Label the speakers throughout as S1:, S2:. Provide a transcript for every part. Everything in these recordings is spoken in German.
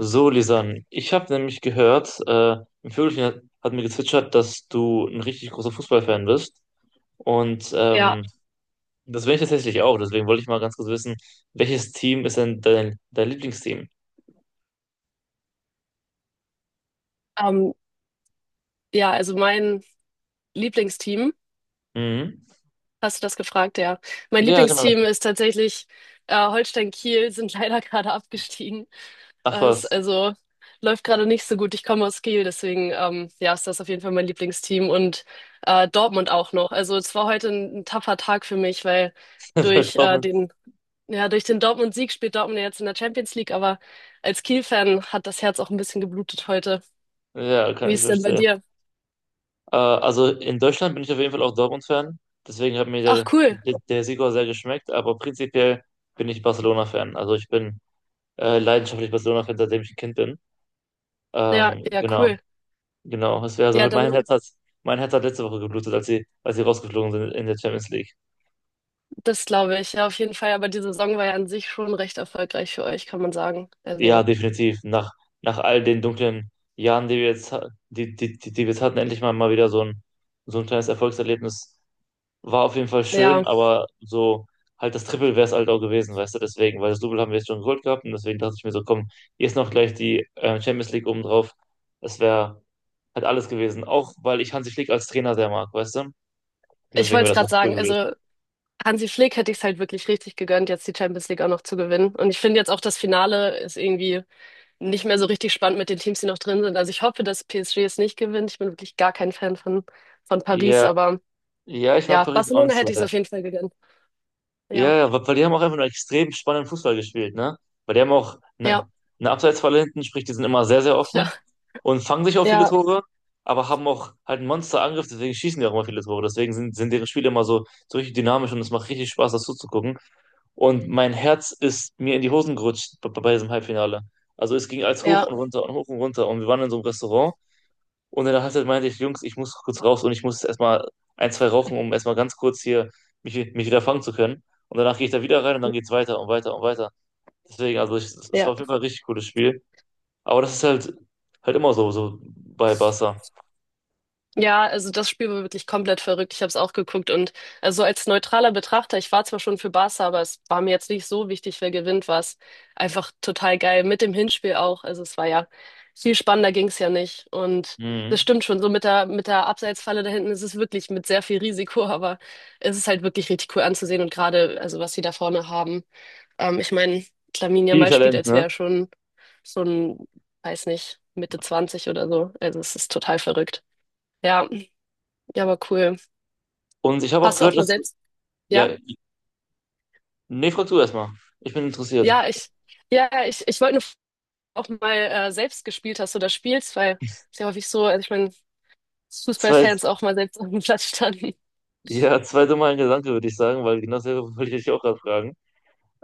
S1: So, Lisan, ich habe nämlich gehört, ein Vögelchen hat, mir gezwitschert, dass du ein richtig großer Fußballfan bist. Und
S2: Ja,
S1: ähm, Das bin ich tatsächlich auch. Deswegen wollte ich mal ganz kurz wissen, welches Team ist denn dein Lieblingsteam?
S2: ähm, ja, also mein Lieblingsteam,
S1: Mhm.
S2: hast du das gefragt, ja. Mein
S1: Ja, genau.
S2: Lieblingsteam ist tatsächlich Holstein Kiel, sind leider gerade abgestiegen.
S1: Ach
S2: Äh, ist,
S1: was,
S2: also läuft gerade nicht so gut. Ich komme aus Kiel, deswegen ja, ist das auf jeden Fall mein Lieblingsteam und Dortmund auch noch. Also es war heute ein tapfer Tag für mich, weil
S1: bei
S2: durch äh,
S1: Dortmund.
S2: den ja, durch den Dortmund-Sieg spielt Dortmund ja jetzt in der Champions League, aber als Kiel-Fan hat das Herz auch ein bisschen geblutet heute.
S1: Ja,
S2: Wie
S1: kann ich
S2: ist denn bei
S1: verstehen.
S2: dir?
S1: Also in Deutschland bin ich auf jeden Fall auch Dortmund-Fan. Deswegen hat mir
S2: Ach, cool.
S1: der Sieg auch sehr geschmeckt. Aber prinzipiell bin ich Barcelona-Fan. Also ich bin leidenschaftlich Barcelona-Fan, seitdem ich ein Kind bin.
S2: Ja,
S1: Ähm,
S2: ja,
S1: genau.
S2: cool.
S1: Genau, es wäre also
S2: Ja,
S1: halt,
S2: dann,
S1: Mein Herz hat letzte Woche geblutet, als sie rausgeflogen sind in der Champions League.
S2: das glaube ich, ja, auf jeden Fall. Aber die Saison war ja an sich schon recht erfolgreich für euch, kann man sagen.
S1: Ja,
S2: Also,
S1: definitiv. Nach all den dunklen Jahren, die wir jetzt, die wir jetzt hatten, endlich mal wieder so ein kleines Erfolgserlebnis. War auf jeden Fall schön,
S2: ja,
S1: aber so halt das Triple wäre es halt auch gewesen, weißt du, deswegen, weil das Double haben wir jetzt schon geholt gehabt und deswegen dachte ich mir so, komm, hier ist noch gleich die Champions League obendrauf. Das wäre halt alles gewesen. Auch weil ich Hansi Flick als Trainer sehr mag, weißt du?
S2: ich
S1: Deswegen
S2: wollte es
S1: wäre das
S2: gerade
S1: echt cool
S2: sagen.
S1: gewesen.
S2: Also, Hansi Flick hätte ich es halt wirklich richtig gegönnt, jetzt die Champions League auch noch zu gewinnen. Und ich finde jetzt auch, das Finale ist irgendwie nicht mehr so richtig spannend mit den Teams, die noch drin sind. Also, ich hoffe, dass PSG es nicht gewinnt. Ich bin wirklich gar kein Fan von Paris,
S1: Ja,
S2: aber
S1: ja, ich mag
S2: ja,
S1: Paris auch
S2: Barcelona
S1: nicht so
S2: hätte ich es
S1: sehr.
S2: auf jeden Fall gegönnt.
S1: Ja,
S2: Ja,
S1: ja, weil die haben auch einfach nur extrem spannenden Fußball gespielt, ne? Weil die haben auch
S2: ja,
S1: eine Abseitsfalle hinten, sprich, die sind immer sehr, sehr
S2: ja,
S1: offen und fangen sich auch viele
S2: ja,
S1: Tore, aber haben auch halt einen Monsterangriff, deswegen schießen die auch immer viele Tore. Deswegen sind deren Spiele immer so, so richtig dynamisch und es macht richtig Spaß, das zuzugucken. Und mein Herz ist mir in die Hosen gerutscht bei diesem Halbfinale. Also es ging als hoch
S2: ja,
S1: und runter und hoch und runter und wir waren in so einem Restaurant und in der Halbzeit meinte ich, Jungs, ich muss kurz raus und ich muss erstmal ein, zwei rauchen, um erstmal ganz kurz hier mich wieder fangen zu können. Und danach gehe ich da wieder rein und dann geht's weiter und weiter und weiter. Deswegen, es war
S2: ja.
S1: auf jeden Fall ein richtig cooles Spiel. Aber das ist halt immer so, so bei Barca.
S2: Ja, also das Spiel war wirklich komplett verrückt. Ich habe es auch geguckt und also als neutraler Betrachter, ich war zwar schon für Barca, aber es war mir jetzt nicht so wichtig, wer gewinnt, war es einfach total geil. Mit dem Hinspiel auch. Also es war ja, viel spannender ging's ja nicht. Und das
S1: Mhm.
S2: stimmt schon, so mit der Abseitsfalle da hinten ist es wirklich mit sehr viel Risiko, aber es ist halt wirklich richtig cool anzusehen und gerade, also was sie da vorne haben. Ich meine, Lamine
S1: Viel
S2: Yamal spielt,
S1: Talent,
S2: als
S1: ne?
S2: wäre er schon so ein, weiß nicht, Mitte 20 oder so. Also es ist total verrückt. Ja. Ja, aber cool.
S1: Und ich habe auch
S2: Hast du auch
S1: gehört,
S2: mal
S1: dass.
S2: selbst?
S1: Ja,
S2: Ja,
S1: nee, frag du erstmal. Ich bin interessiert.
S2: ja, ich wollte nur fragen, ob du auch mal selbst gespielt hast oder spielst, weil es ist ja häufig so, also ich meine, dass
S1: Zwei,
S2: Fußballfans auch mal selbst auf dem Platz standen.
S1: ja, zwei dumme Gedanke, würde ich sagen, weil genau selber wollte ich dich auch gerade fragen.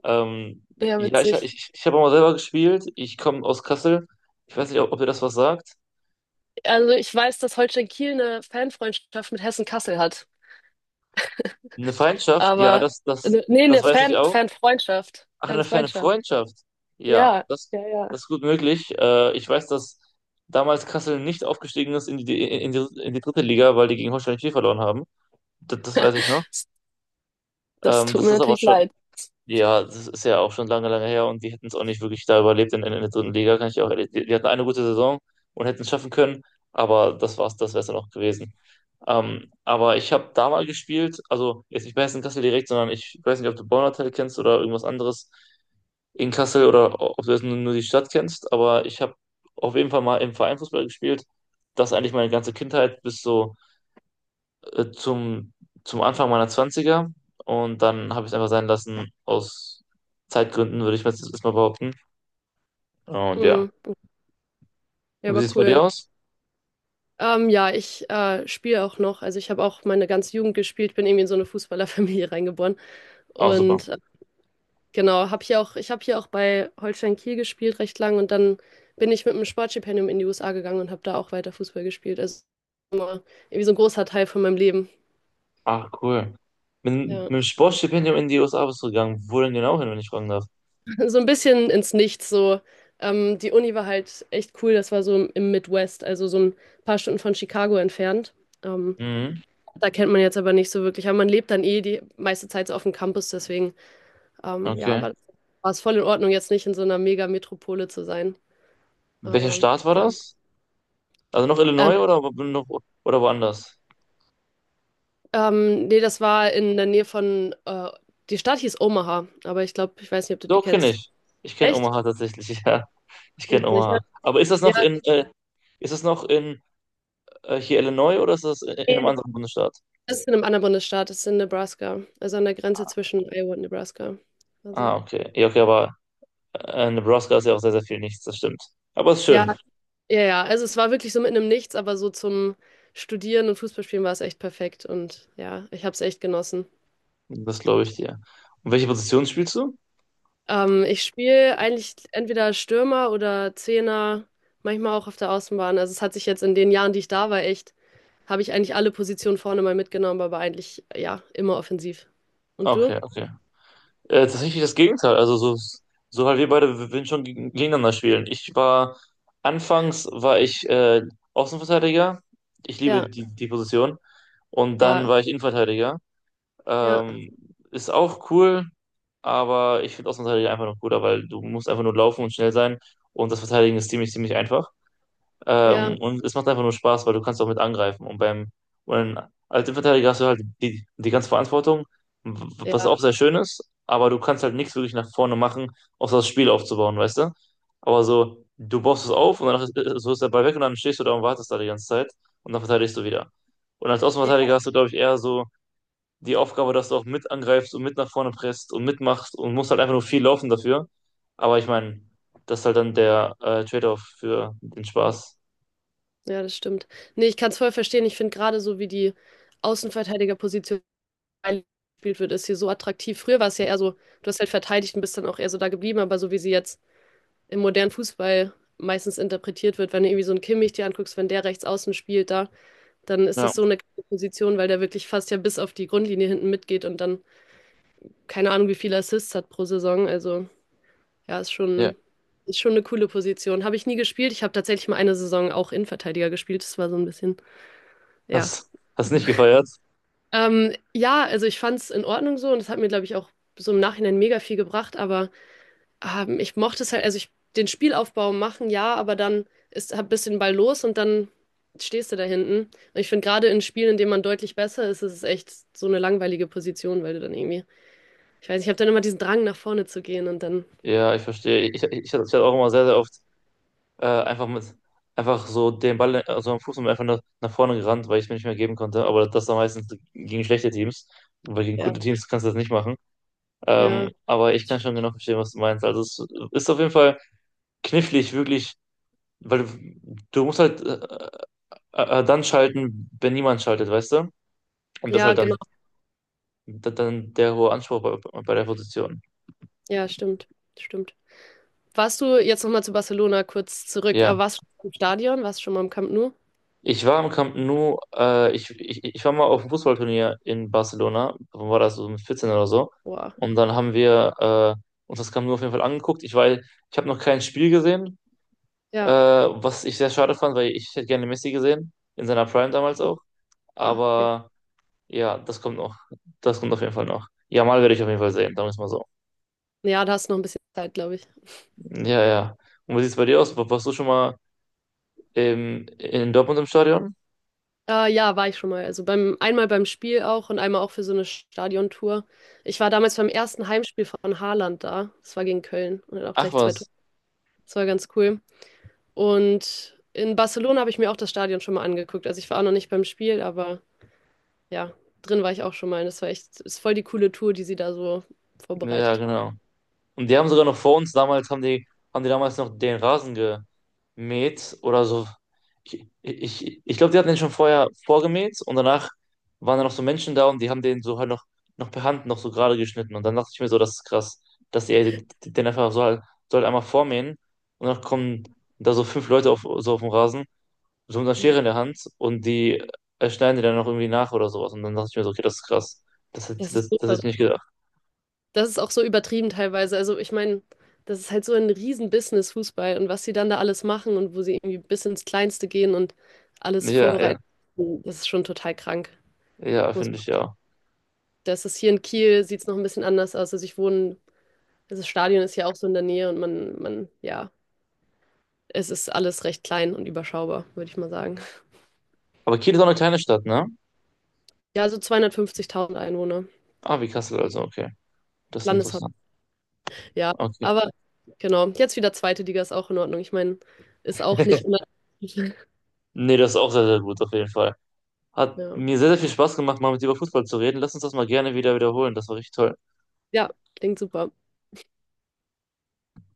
S1: Ähm,
S2: Ja, witzig.
S1: ich habe auch mal selber gespielt. Ich komme aus Kassel. Ich weiß nicht, ob ihr das was sagt.
S2: Also ich weiß, dass Holstein Kiel eine Fanfreundschaft mit Hessen Kassel hat,
S1: Eine Feindschaft, ja,
S2: aber nee,
S1: das
S2: eine
S1: weiß ich
S2: Fan,
S1: auch.
S2: Fanfreundschaft,
S1: Ach, eine ferne
S2: Fanfreundschaft.
S1: Freundschaft. Ja,
S2: Ja, ja, ja.
S1: das ist gut möglich. Ich weiß, dass damals Kassel nicht aufgestiegen ist in die dritte Liga, weil die gegen Holstein Kiel verloren haben. Das weiß ich noch.
S2: Das tut
S1: Das
S2: mir
S1: ist aber
S2: natürlich
S1: schon
S2: leid.
S1: Ja, das ist ja auch schon lange, lange her und die hätten es auch nicht wirklich da überlebt der dritten Liga, kann ich auch ehrlich. Die hatten eine gute Saison und hätten es schaffen können, aber das war's, das wäre es dann auch gewesen. Aber ich habe da mal gespielt, also jetzt nicht bei Hessen Kassel direkt, sondern ich weiß nicht, ob du Bonner Hotel kennst oder irgendwas anderes in Kassel oder ob du jetzt nur die Stadt kennst, aber ich habe auf jeden Fall mal im Verein Fußball gespielt. Das eigentlich meine ganze Kindheit bis so äh, zum, zum Anfang meiner Zwanziger und dann habe ich es einfach sein lassen aus Zeitgründen, würde ich mir jetzt erstmal behaupten. Und ja.
S2: Mm, ja,
S1: Wie sieht
S2: aber
S1: es bei dir
S2: cool.
S1: aus?
S2: Ja, ich spiele auch noch. Also ich habe auch meine ganze Jugend gespielt, bin irgendwie in so eine Fußballerfamilie reingeboren.
S1: Oh, super.
S2: Und genau, ich habe hier auch bei Holstein Kiel gespielt recht lang und dann bin ich mit einem Sportstipendium in die USA gegangen und habe da auch weiter Fußball gespielt. Also immer irgendwie so ein großer Teil von meinem Leben.
S1: Ach, cool. Mit, mit
S2: Ja,
S1: dem Sportstipendium in die USA bist du gegangen. Wo denn genau hin, wenn ich fragen darf?
S2: so ein bisschen ins Nichts. So, die Uni war halt echt cool. Das war so im Midwest, also so ein paar Stunden von Chicago entfernt. Ähm,
S1: Mhm,
S2: Da kennt man jetzt aber nicht so wirklich. Aber man lebt dann eh die meiste Zeit so auf dem Campus. Deswegen, ja,
S1: okay.
S2: war es voll in Ordnung, jetzt nicht in so einer Mega-Metropole zu sein.
S1: Welcher
S2: Aber
S1: Staat war
S2: ja.
S1: das? Also noch
S2: Ähm,
S1: Illinois oder woanders?
S2: Nee, das war in der Nähe von, die Stadt hieß Omaha, aber ich glaube, ich weiß nicht, ob du die
S1: Doch, kenne
S2: kennst.
S1: ich. Ich kenne
S2: Echt?
S1: Omaha tatsächlich, ja. Ich kenne
S2: Witzig, ja.
S1: Omaha. Aber ist das noch
S2: Ja,
S1: in, ist das noch in hier Illinois oder ist das in
S2: nee,
S1: einem
S2: nee.
S1: anderen Bundesstaat?
S2: Das ist in einem anderen Bundesstaat, das ist in Nebraska, also an der Grenze zwischen Iowa und Nebraska, quasi.
S1: Ah, okay. Ja, okay, aber Nebraska ist ja auch sehr, sehr viel nichts, das stimmt. Aber ist
S2: Ja,
S1: schön,
S2: ja, ja, also es war wirklich so mitten im Nichts, aber so zum Studieren und Fußballspielen war es echt perfekt und ja, ich habe es echt genossen.
S1: das glaube ich dir. Und welche Position spielst du?
S2: Ich spiele eigentlich entweder Stürmer oder Zehner, manchmal auch auf der Außenbahn. Also es hat sich jetzt in den Jahren, die ich da war, echt, habe ich eigentlich alle Positionen vorne mal mitgenommen, aber eigentlich ja, immer offensiv. Und du?
S1: Okay, okay. Tatsächlich das Gegenteil. Also so, so halt wir beide wir würden schon gegeneinander spielen. Anfangs war ich Außenverteidiger. Ich liebe
S2: Ja,
S1: die Position. Und
S2: ja,
S1: dann war ich Innenverteidiger.
S2: ja,
S1: Ähm, ist auch cool, aber ich finde Außenverteidiger einfach noch cooler, weil du musst einfach nur laufen und schnell sein. Und das Verteidigen ist ziemlich, ziemlich einfach.
S2: ja,
S1: Und es macht einfach nur Spaß, weil du kannst auch mit angreifen. Und als Innenverteidiger hast du halt die ganze Verantwortung, w- was auch
S2: ja,
S1: sehr schön ist, aber du kannst halt nichts wirklich nach vorne machen, außer das Spiel aufzubauen, weißt du? Aber so, du baust es auf und so ist der Ball weg und dann stehst du da und wartest da die ganze Zeit und dann verteidigst du wieder. Und als
S2: ja,
S1: Außenverteidiger hast du, glaube ich, eher so die Aufgabe, dass du auch mit angreifst und mit nach vorne presst und mitmachst und musst halt einfach nur viel laufen dafür. Aber ich meine, das ist halt dann der Trade-off für den Spaß.
S2: ja, das stimmt. Nee, ich kann es voll verstehen. Ich finde gerade so, wie die Außenverteidigerposition gespielt wird, ist hier so attraktiv. Früher war es ja eher so, du hast halt verteidigt und bist dann auch eher so da geblieben, aber so wie sie jetzt im modernen Fußball meistens interpretiert wird, wenn du irgendwie so einen Kimmich dir anguckst, wenn der rechts außen spielt da, dann ist
S1: Ja.
S2: das so eine Position, weil der wirklich fast ja bis auf die Grundlinie hinten mitgeht und dann, keine Ahnung, wie viele Assists hat pro Saison. Also ja, ist
S1: Ja,
S2: schon, ist schon eine coole Position. Habe ich nie gespielt. Ich habe tatsächlich mal eine Saison auch Innenverteidiger gespielt. Das war so ein bisschen, ja.
S1: hast, hast nicht gefeiert?
S2: Ja, also ich fand es in Ordnung so und das hat mir, glaube ich, auch so im Nachhinein mega viel gebracht. Aber ich mochte es halt, also ich den Spielaufbau machen, ja, aber dann ist hab bisschen den Ball los und dann stehst du da hinten. Und ich finde gerade in Spielen, in denen man deutlich besser ist, ist es echt so eine langweilige Position, weil du dann irgendwie, ich weiß nicht, ich habe dann immer diesen Drang nach vorne zu gehen und dann,
S1: Ja, ich verstehe. Ich hatte auch immer sehr, sehr oft äh, einfach mit, einfach so den Ball, also am Fuß und einfach nach vorne gerannt, weil ich es mir nicht mehr geben konnte. Aber das dann meistens gegen schlechte Teams, weil gegen
S2: ja,
S1: gute Teams kannst du das nicht machen.
S2: ja.
S1: Aber ich kann schon genau verstehen, was du meinst. Also es ist auf jeden Fall knifflig, wirklich, weil du musst halt dann schalten, wenn niemand schaltet, weißt du? Und das ist
S2: Ja,
S1: halt
S2: genau.
S1: dann der hohe Anspruch bei der Position.
S2: Ja, stimmt. Stimmt. Warst du jetzt nochmal zu Barcelona kurz zurück,
S1: Ja.
S2: aber warst du schon im Stadion? Warst du schon mal im Camp Nou?
S1: Ich war im Camp Nou, ich war mal auf einem Fußballturnier in Barcelona, wann war das so mit 14 oder so.
S2: Boah.
S1: Und dann haben wir uns das Camp Nou auf jeden Fall angeguckt. Ich habe noch kein Spiel gesehen,
S2: Ja.
S1: was ich sehr schade fand, weil ich hätte gerne Messi gesehen, in seiner Prime damals auch.
S2: Boah. Ja,
S1: Aber ja, das kommt noch. Das kommt auf jeden Fall noch. Jamal werde ich auf jeden Fall sehen, sagen wir es mal so.
S2: ja, da hast du noch ein bisschen Zeit, glaube ich.
S1: Ja, ja. Und wie sieht es bei dir aus? Warst du schon mal in Dortmund im Stadion?
S2: Ja, war ich schon mal. Also beim einmal beim Spiel auch und einmal auch für so eine Stadiontour. Ich war damals beim ersten Heimspiel von Haaland da. Das war gegen Köln und hat auch
S1: Ach
S2: gleich zwei Tore.
S1: was.
S2: Das war ganz cool. Und in Barcelona habe ich mir auch das Stadion schon mal angeguckt. Also ich war auch noch nicht beim Spiel, aber ja, drin war ich auch schon mal. Das war echt, ist voll die coole Tour, die sie da so
S1: Ja,
S2: vorbereitet haben.
S1: genau. Und die haben sogar noch vor uns damals, haben die damals noch den Rasen gemäht oder so. Ich glaube, die hatten den schon vorher vorgemäht und danach waren da noch so Menschen da und die haben den so halt noch per Hand noch so gerade geschnitten. Und dann dachte ich mir so, das ist krass, dass die den einfach so halt einmal vormähen und dann kommen da so fünf Leute auf, so auf dem Rasen, so mit einer
S2: Ja,
S1: Schere in der Hand und die schneiden die dann noch irgendwie nach oder sowas. Und dann dachte ich mir so, okay, das ist krass.
S2: das ist so
S1: Das hätte ich
S2: verrückt.
S1: nicht gedacht.
S2: Das ist auch so übertrieben teilweise. Also ich meine, das ist halt so ein Riesen-Business Fußball und was sie dann da alles machen und wo sie irgendwie bis ins Kleinste gehen und alles
S1: Ja, ja,
S2: vorbereiten, das ist schon total krank.
S1: ja,
S2: Muss-
S1: finde ich ja.
S2: Das ist hier in Kiel, sieht es noch ein bisschen anders aus. Also ich wohne, also das Stadion ist ja auch so in der Nähe und man, ja, es ist alles recht klein und überschaubar, würde ich mal sagen.
S1: Aber Kiel ist auch eine kleine Stadt, ne?
S2: Ja, so 250.000 Einwohner,
S1: Ah, wie Kassel also, okay. Das ist
S2: Landeshaupt.
S1: interessant.
S2: Ja,
S1: Okay.
S2: aber genau. Jetzt wieder zweite Liga ist auch in Ordnung. Ich meine, ist auch nicht immer.
S1: Nee, das ist auch sehr, sehr gut, auf jeden Fall. Hat
S2: Ja.
S1: mir sehr, sehr viel Spaß gemacht, mal mit dir über Fußball zu reden. Lass uns das mal gerne wieder wiederholen. Das war richtig toll.
S2: Ja, klingt super.